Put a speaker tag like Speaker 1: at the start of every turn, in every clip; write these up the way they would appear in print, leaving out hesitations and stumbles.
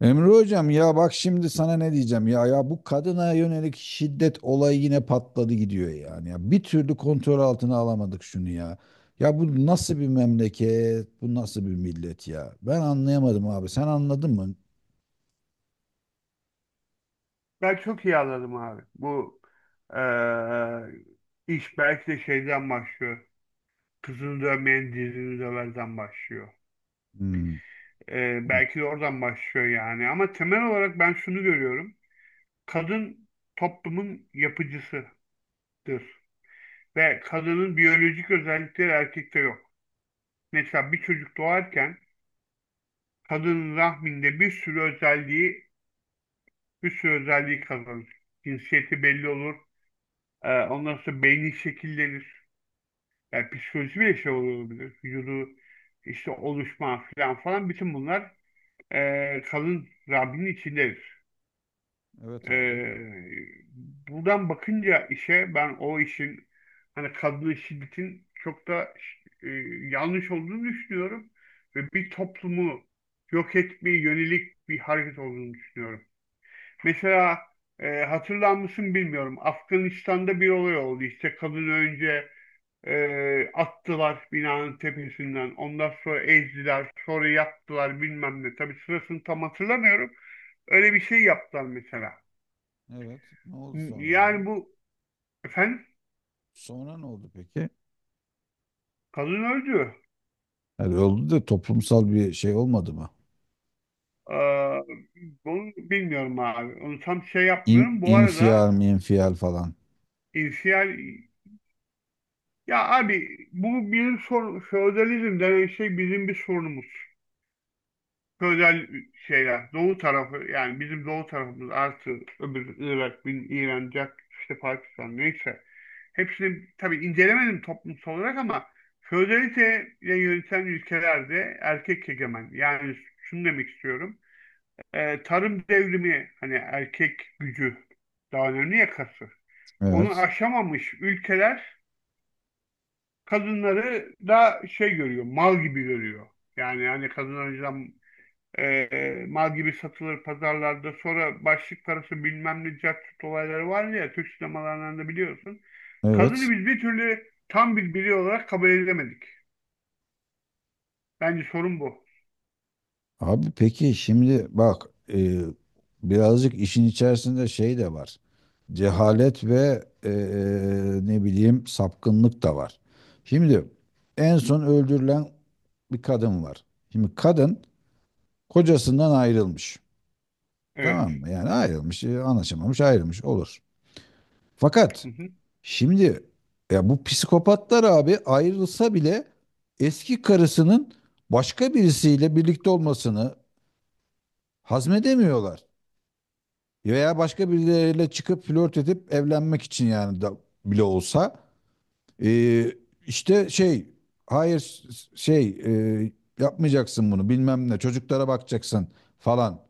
Speaker 1: Emre hocam, ya bak şimdi sana ne diyeceğim ya, ya bu kadına yönelik şiddet olayı yine patladı gidiyor yani, ya bir türlü kontrol altına alamadık şunu ya, ya bu nasıl bir memleket, bu nasıl bir millet ya, ben anlayamadım abi, sen anladın mı?
Speaker 2: Ben çok iyi anladım abi. Bu eee, iş belki de şeyden başlıyor. Kızını dövmeyen dizini döverden başlıyor.
Speaker 1: Hmm.
Speaker 2: Belki de oradan başlıyor yani. Ama temel olarak ben şunu görüyorum. Kadın toplumun yapıcısıdır. Ve kadının biyolojik özellikleri erkekte yok. Mesela bir çocuk doğarken kadının rahminde bir sürü özelliği bir sürü özelliği kazanır. Cinsiyeti belli olur. Ondan sonra beyni şekillenir. Yani psikoloji bile şey olabilir. Vücudu işte oluşma falan falan bütün bunlar kalın Rabbinin içindedir.
Speaker 1: Evet abi.
Speaker 2: E, Buradan bakınca işe ben o işin hani kadın şiddetin çok da e, yanlış olduğunu düşünüyorum ve bir toplumu yok etmeye yönelik bir hareket olduğunu düşünüyorum. Mesela hatırlar mısın bilmiyorum. Afganistan'da bir olay oldu. İşte kadın önce attılar binanın tepesinden. Ondan sonra ezdiler. Sonra yaktılar bilmem ne. Tabii sırasını tam hatırlamıyorum. Öyle bir şey yaptılar mesela.
Speaker 1: Evet, ne oldu sonra abi?
Speaker 2: Yani bu efendim
Speaker 1: Sonra ne oldu peki?
Speaker 2: kadın öldü.
Speaker 1: Yani oldu da toplumsal bir şey olmadı mı?
Speaker 2: Ee, Bunu bilmiyorum abi. Onu tam şey
Speaker 1: İn,
Speaker 2: yapmıyorum. Bu arada
Speaker 1: infial mi, infial falan.
Speaker 2: insiyal ya abi bu bizim sorun feodalizm denen şey bizim bir sorunumuz. Feodal şeyler. Doğu tarafı yani bizim doğu tarafımız artı öbür Irak, bin İran, Cak, işte Pakistan neyse. Hepsini tabii incelemedim toplumsal olarak ama feodalite ile ülkelerde erkek egemen. Yani şunu demek istiyorum. Tarım devrimi hani erkek gücü daha önemli yakası. Onu
Speaker 1: Evet,
Speaker 2: aşamamış ülkeler kadınları da şey görüyor, mal gibi görüyor. Yani hani kadın önceden mal gibi satılır pazarlarda. Sonra başlık parası bilmem ne jackpot olayları var ya Türk sinemalarından da biliyorsun.
Speaker 1: evet.
Speaker 2: Kadını biz bir türlü tam bir birey olarak kabul edemedik. Bence sorun bu.
Speaker 1: Abi peki şimdi bak, e, birazcık işin içerisinde şey de var. Cehalet ve ne bileyim sapkınlık da var. Şimdi en son öldürülen bir kadın var. Şimdi kadın kocasından ayrılmış.
Speaker 2: Evet.
Speaker 1: Tamam mı? Yani ayrılmış, anlaşamamış, ayrılmış olur. Fakat
Speaker 2: Hı hı.
Speaker 1: şimdi ya bu psikopatlar abi ayrılsa bile eski karısının başka birisiyle birlikte olmasını hazmedemiyorlar. Veya başka birileriyle çıkıp flört edip evlenmek için yani da bile olsa Ee, işte şey, hayır şey, e, yapmayacaksın bunu, bilmem ne, çocuklara bakacaksın falan.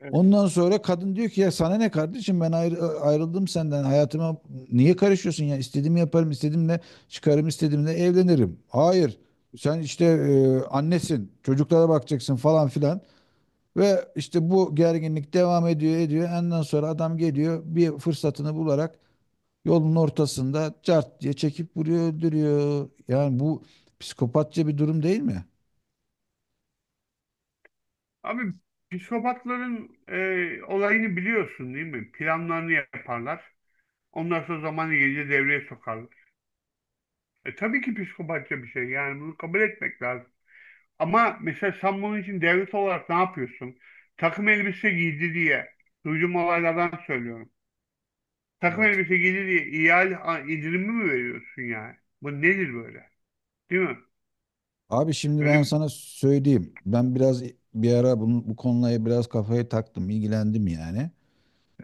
Speaker 2: Evet.
Speaker 1: Ondan sonra kadın diyor ki ya sana ne kardeşim, ben ayrıldım senden, hayatıma niye karışıyorsun ya, istediğimi yaparım, istediğimle çıkarım, istediğimle evlenirim. Hayır, sen işte annesin, çocuklara bakacaksın falan filan. Ve işte bu gerginlik devam ediyor ediyor. Ondan sonra adam geliyor bir fırsatını bularak yolun ortasında cart diye çekip vuruyor, öldürüyor. Yani bu psikopatça bir durum değil mi?
Speaker 2: Abi psikopatların olayını biliyorsun değil mi? Planlarını yaparlar. Ondan sonra zamanı gelince devreye sokarlar. E tabii ki psikopatça bir şey. Yani bunu kabul etmek lazım. Ama mesela sen bunun için devlet olarak ne yapıyorsun? Takım elbise giydi diye duyduğum olaylardan söylüyorum. Takım
Speaker 1: Evet.
Speaker 2: elbise giydi diye ihale a- indirimi mi veriyorsun yani? Bu nedir böyle? Değil mi?
Speaker 1: Abi şimdi
Speaker 2: Böyle
Speaker 1: ben
Speaker 2: bir-
Speaker 1: sana söyleyeyim. Ben biraz bir ara bunu, bu konuya biraz kafayı taktım, ilgilendim yani.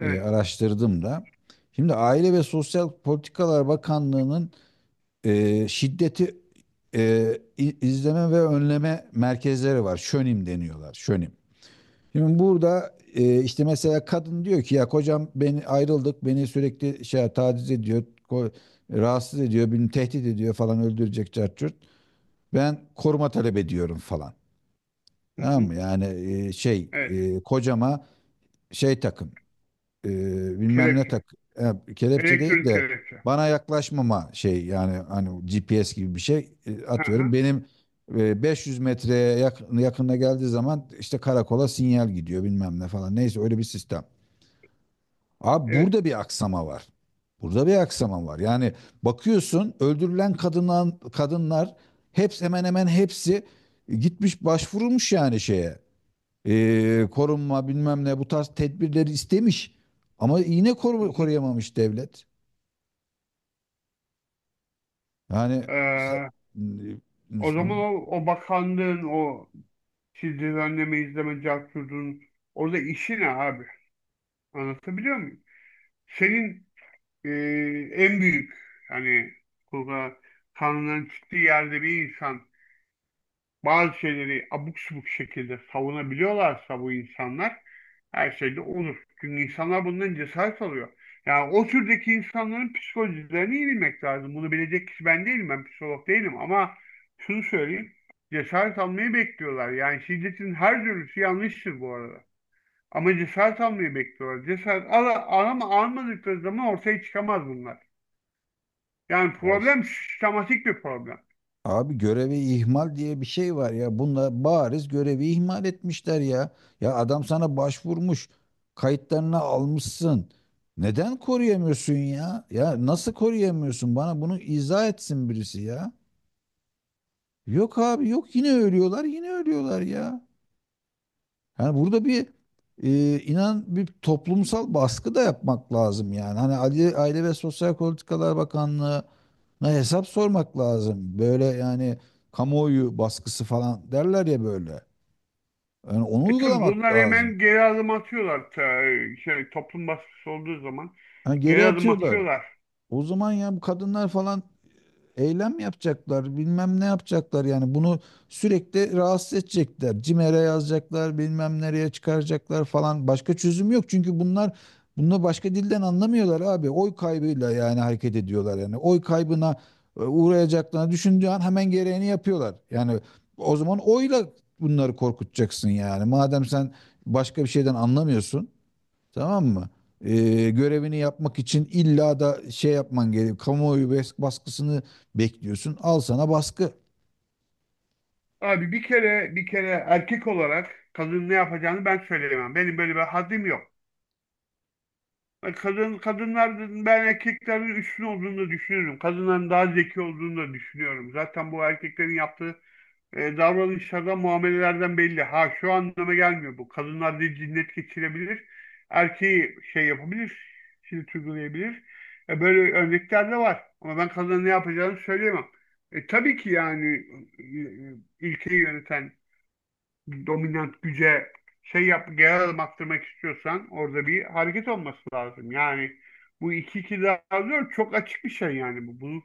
Speaker 1: Araştırdım da. Şimdi Aile ve Sosyal Politikalar Bakanlığı'nın şiddeti izleme ve önleme merkezleri var. Şönim deniyorlar. Şönim. Şimdi burada işte mesela kadın diyor ki ya, kocam beni, ayrıldık, beni sürekli şey taciz ediyor, ko- rahatsız ediyor, beni tehdit ediyor falan, öldürecek cart curt. Ben koruma talep ediyorum falan.
Speaker 2: Hı
Speaker 1: Tamam
Speaker 2: hı.
Speaker 1: mı? Yani şey
Speaker 2: Evet.
Speaker 1: kocama şey takın, e, bilmem ne
Speaker 2: Kelepçe.
Speaker 1: tak, kelepçe değil
Speaker 2: Elektronik
Speaker 1: de
Speaker 2: kelepçe.
Speaker 1: bana yaklaşmama şey, yani hani GPS gibi bir şey
Speaker 2: Hı hı.
Speaker 1: atıyorum. Benim 500 metreye yakın, yakınına geldiği zaman işte karakola sinyal gidiyor, bilmem ne falan. Neyse öyle bir sistem. Abi
Speaker 2: Evet.
Speaker 1: burada bir aksama var. Burada bir aksama var. Yani bakıyorsun öldürülen kadınlar, kadınlar, hepsi, hemen hemen hepsi gitmiş, başvurulmuş, yani şeye, korunma bilmem ne bu tarz tedbirleri istemiş. Ama yine
Speaker 2: Hı hı.
Speaker 1: koruyamamış devlet. Yani sen-
Speaker 2: Ee,
Speaker 1: e,
Speaker 2: O zaman o bakanlığın o siz düzenleme izleme cevap orada işi ne abi? Anlatabiliyor muyum? Senin e, en büyük hani burada Tanrı'nın çıktığı yerde bir insan bazı şeyleri abuk subuk şekilde savunabiliyorlarsa bu insanlar her şeyde olur. Çünkü insanlar bundan cesaret alıyor. Yani o türdeki insanların psikolojilerini iyi bilmek lazım. Bunu bilecek kişi ben değilim, ben psikolog değilim ama şunu söyleyeyim. Cesaret almayı bekliyorlar. Yani şiddetin her türlüsü yanlıştır bu arada. Ama cesaret almayı bekliyorlar. Cesaret al, al ama almadıkları zaman ortaya çıkamaz bunlar. Yani
Speaker 1: ya işte,
Speaker 2: problem sistematik bir problem.
Speaker 1: abi görevi ihmal diye bir şey var ya. Bunlar bariz görevi ihmal etmişler ya. Ya adam sana başvurmuş. Kayıtlarını almışsın. Neden koruyamıyorsun ya? Ya nasıl koruyamıyorsun? Bana bunu izah etsin birisi ya. Yok abi yok, yine ölüyorlar, yine ölüyorlar ya. Yani burada bir inan bir toplumsal baskı da yapmak lazım yani. Hani Aile ve Sosyal Politikalar Bakanlığı'na hesap sormak lazım. Böyle yani kamuoyu baskısı falan derler ya böyle. Yani onu
Speaker 2: E tabii
Speaker 1: uygulamak
Speaker 2: bunlar
Speaker 1: lazım.
Speaker 2: hemen geri adım atıyorlar. Ta- Şey, toplum baskısı olduğu zaman
Speaker 1: Yani geri
Speaker 2: geri adım
Speaker 1: atıyorlar.
Speaker 2: atıyorlar.
Speaker 1: O zaman ya bu kadınlar falan eylem yapacaklar, bilmem ne yapacaklar yani, bunu sürekli rahatsız edecekler. CİMER'e yazacaklar, bilmem nereye çıkaracaklar falan. Başka çözüm yok çünkü bunlar bunu başka dilden anlamıyorlar abi. Oy kaybıyla yani hareket ediyorlar yani. Oy kaybına uğrayacaklarını düşündüğü an hemen gereğini yapıyorlar. Yani o zaman oyla bunları korkutacaksın yani. Madem sen başka bir şeyden anlamıyorsun. Tamam mı? Görevini yapmak için illa da şey yapman gerekiyor. Kamuoyu baskısını bekliyorsun. Al sana baskı.
Speaker 2: Abi bir kere erkek olarak kadın ne yapacağını ben söyleyemem. Benim böyle bir haddim yok. Kadınların ben erkeklerin üstün olduğunu da düşünüyorum. Kadınların daha zeki olduğunu da düşünüyorum. Zaten bu erkeklerin yaptığı davranışlardan, muamelelerden belli. Ha şu anlama gelmiyor bu. Kadınlar da cinnet geçirebilir. Erkeği şey yapabilir. Cilt uygulayabilir. Böyle örnekler de var. Ama ben kadına ne yapacağını söyleyemem. Tabii ki yani ülkeyi yöneten dominant güce şey yap, geri adım attırmak istiyorsan orada bir hareket olması lazım. Yani bu iki iki daha dört çok açık bir şey yani bu. Bunun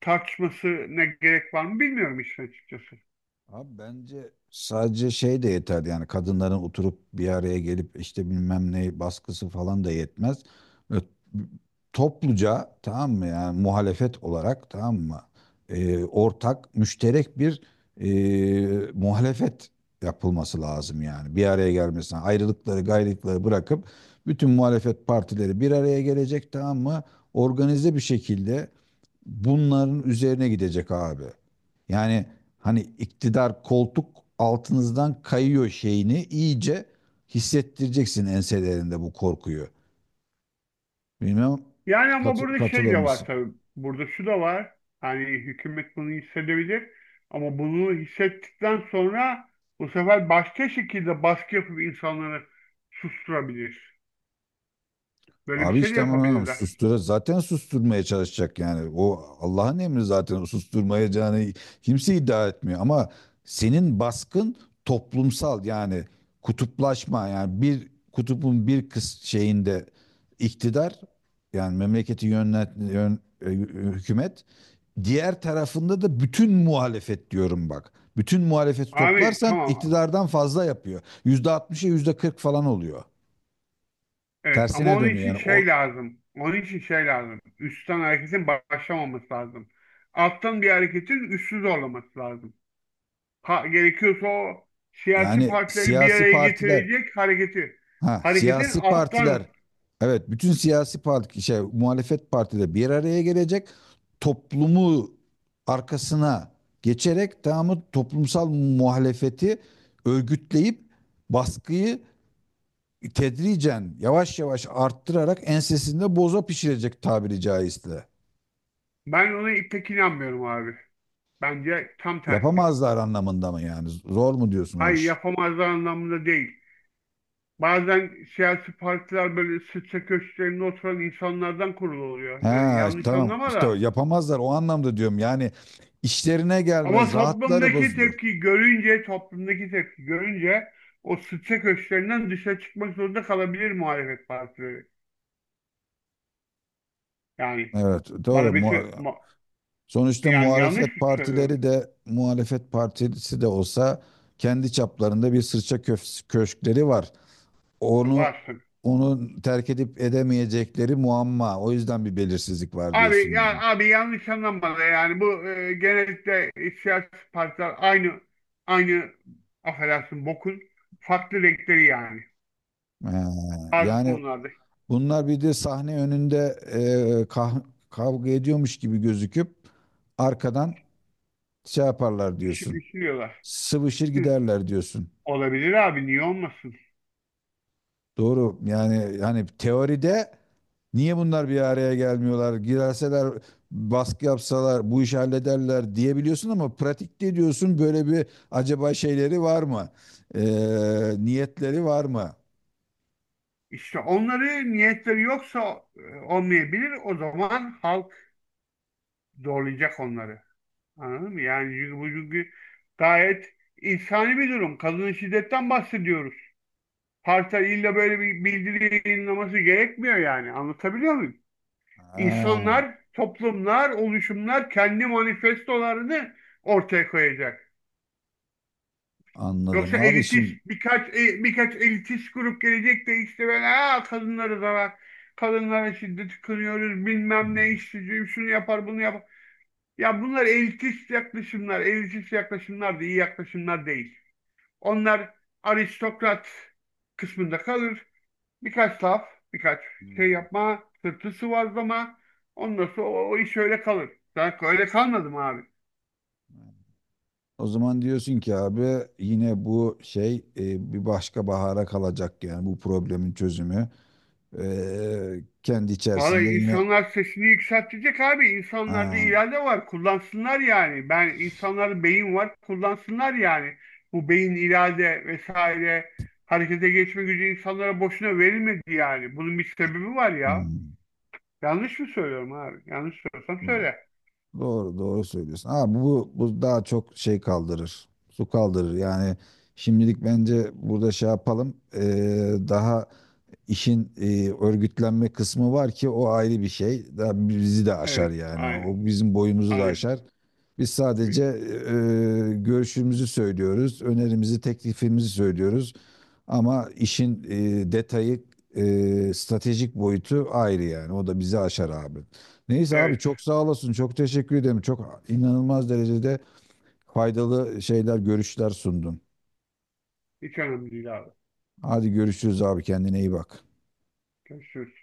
Speaker 2: tartışması ne gerek var mı bilmiyorum işin açıkçası.
Speaker 1: Abi bence sadece şey de yeterdi yani, kadınların oturup bir araya gelip işte bilmem ne baskısı falan da yetmez. Ö- Topluca, tamam mı, yani muhalefet olarak, tamam mı. Ortak müşterek bir muhalefet yapılması lazım yani, bir araya gelmesine ayrılıkları gayrılıkları bırakıp bütün muhalefet partileri bir araya gelecek, tamam mı, organize bir şekilde bunların üzerine gidecek abi. Yani hani iktidar, koltuk altınızdan kayıyor şeyini iyice hissettireceksin enselerinde bu korkuyu. Bilmem
Speaker 2: Yani ama burada şey
Speaker 1: katılır
Speaker 2: de var
Speaker 1: mısın?
Speaker 2: tabii. Burada şu da var. Hani hükümet bunu hissedebilir. Ama bunu hissettikten sonra bu sefer başka şekilde baskı yapıp insanları susturabilir. Böyle bir
Speaker 1: Abi
Speaker 2: şey de
Speaker 1: işte ama
Speaker 2: yapabilirler.
Speaker 1: sustur, zaten susturmaya çalışacak yani. O Allah'ın emri zaten, o susturmayacağını kimse iddia etmiyor ama senin baskın toplumsal yani kutuplaşma, yani bir kutubun bir kız şeyinde iktidar, yani memleketi hükümet, diğer tarafında da bütün muhalefet diyorum bak. Bütün muhalefeti
Speaker 2: Abi
Speaker 1: toplarsan
Speaker 2: tamam.
Speaker 1: iktidardan fazla yapıyor. %60'a %40 falan oluyor.
Speaker 2: Evet ama
Speaker 1: Tersine
Speaker 2: onun
Speaker 1: dönüyor
Speaker 2: için
Speaker 1: yani. O,
Speaker 2: şey lazım. Onun için şey lazım. Üstten hareketin başlamaması lazım. Alttan bir hareketin üstü zorlaması lazım. Pa- gerekiyorsa o siyasi
Speaker 1: yani
Speaker 2: partileri bir
Speaker 1: siyasi
Speaker 2: araya
Speaker 1: partiler,
Speaker 2: getirecek hareketi.
Speaker 1: ha
Speaker 2: Hareketin
Speaker 1: siyasi
Speaker 2: alttan
Speaker 1: partiler, evet bütün siyasi parti, şey muhalefet partileri bir araya gelecek, toplumu arkasına geçerek tamamı toplumsal muhalefeti örgütleyip baskıyı tedricen yavaş yavaş arttırarak ensesinde boza pişirecek, tabiri caizse.
Speaker 2: Ben ona pek inanmıyorum abi. Bence tam tersi.
Speaker 1: Yapamazlar anlamında mı yani? Zor mu diyorsun o
Speaker 2: Hayır
Speaker 1: iş?
Speaker 2: yapamazlar anlamında değil. Bazen siyasi partiler böyle sıçra köşklerinde oturan insanlardan kurulu oluyor. Yani
Speaker 1: Ha,
Speaker 2: yanlış
Speaker 1: tamam
Speaker 2: anlama
Speaker 1: işte o
Speaker 2: da.
Speaker 1: yapamazlar o anlamda diyorum yani, işlerine
Speaker 2: Ama
Speaker 1: gelmez, rahatları
Speaker 2: toplumdaki
Speaker 1: bozulur.
Speaker 2: tepki görünce, toplumdaki tepki görünce o sıçra köşklerinden dışarı çıkmak zorunda kalabilir muhalefet partileri. Yani
Speaker 1: Evet doğru.
Speaker 2: bana bir şey- ma-
Speaker 1: Sonuçta
Speaker 2: yani yanlış
Speaker 1: muhalefet
Speaker 2: mı söylüyorum?
Speaker 1: partileri de, muhalefet partisi de olsa kendi çaplarında bir sırça köşkleri var. Onu
Speaker 2: Var
Speaker 1: onu terk edip edemeyecekleri muamma, o yüzden bir belirsizlik var diyorsun
Speaker 2: abi ya
Speaker 1: yani.
Speaker 2: abi yanlış anlamadı yani bu genellikle siyasi partiler aynı affedersin bokun farklı renkleri yani.
Speaker 1: Ha,
Speaker 2: Bazı
Speaker 1: yani
Speaker 2: konularda
Speaker 1: bunlar bir de sahne önünde e, kah- kavga ediyormuş gibi gözüküp arkadan şey yaparlar
Speaker 2: işi
Speaker 1: diyorsun.
Speaker 2: pişiriyorlar.
Speaker 1: Sıvışır
Speaker 2: Hı,
Speaker 1: giderler diyorsun.
Speaker 2: olabilir abi niye olmasın?
Speaker 1: Doğru. Yani hani teoride niye bunlar bir araya gelmiyorlar? Girerseler baskı yapsalar bu işi hallederler diyebiliyorsun ama pratikte diyorsun böyle bir acaba şeyleri var mı? Ee, niyetleri var mı?
Speaker 2: İşte onları niyetleri yoksa olmayabilir. O zaman halk zorlayacak onları. Anladın mı? Yani çünkü bu, çünkü gayet insani bir durum. Kadın şiddetten bahsediyoruz. Partiler illa böyle bir bildiri yayınlaması gerekmiyor yani. Anlatabiliyor muyum?
Speaker 1: Ha,
Speaker 2: İnsanlar, toplumlar, oluşumlar kendi manifestolarını ortaya koyacak.
Speaker 1: anladım
Speaker 2: Yoksa
Speaker 1: abi
Speaker 2: elitist
Speaker 1: şimdi.
Speaker 2: birkaç birkaç elitist grup gelecek de işte böyle "Aa, kadınları zarar, kadınlara şiddet kınıyoruz, bilmem ne işsizim, şunu yapar, bunu yapar". Ya bunlar elitist yaklaşımlar, elitist yaklaşımlar da iyi yaklaşımlar değil. Onlar aristokrat kısmında kalır. Birkaç laf, birkaç şey yapma, sırtı sıvazlama. Ondan sonra o iş öyle kalır. Ben öyle kalmadım abi.
Speaker 1: O zaman diyorsun ki abi yine bu şey bir başka bahara kalacak yani bu problemin çözümü. Kendi
Speaker 2: Vallahi
Speaker 1: içerisinde yine,
Speaker 2: insanlar sesini yükseltecek abi. İnsanlarda
Speaker 1: aa,
Speaker 2: irade var. Kullansınlar yani. Ben insanlarda beyin var. Kullansınlar yani. Bu beyin irade vesaire harekete geçme gücü insanlara boşuna verilmedi yani. Bunun bir sebebi var ya.
Speaker 1: hmm,
Speaker 2: Yanlış mı söylüyorum abi? Yanlış söylüyorsam söyle.
Speaker 1: doğru, doğru söylüyorsun. Ama bu, bu daha çok şey kaldırır. Su kaldırır. Yani şimdilik bence burada şey yapalım. Daha işin örgütlenme kısmı var ki o ayrı bir şey. Daha bizi de aşar
Speaker 2: Evet.
Speaker 1: yani. O
Speaker 2: Aynen.
Speaker 1: bizim boyumuzu da
Speaker 2: Aynen.
Speaker 1: aşar. Biz sadece görüşümüzü söylüyoruz, önerimizi, teklifimizi söylüyoruz. Ama işin detayı, stratejik boyutu ayrı yani. O da bizi aşar abi. Neyse abi
Speaker 2: Evet.
Speaker 1: çok sağ olasın. Çok teşekkür ederim. Çok inanılmaz derecede faydalı şeyler, görüşler sundun.
Speaker 2: Hiç önemli değil abi.
Speaker 1: Hadi görüşürüz abi. Kendine iyi bak.
Speaker 2: Görüşürüz.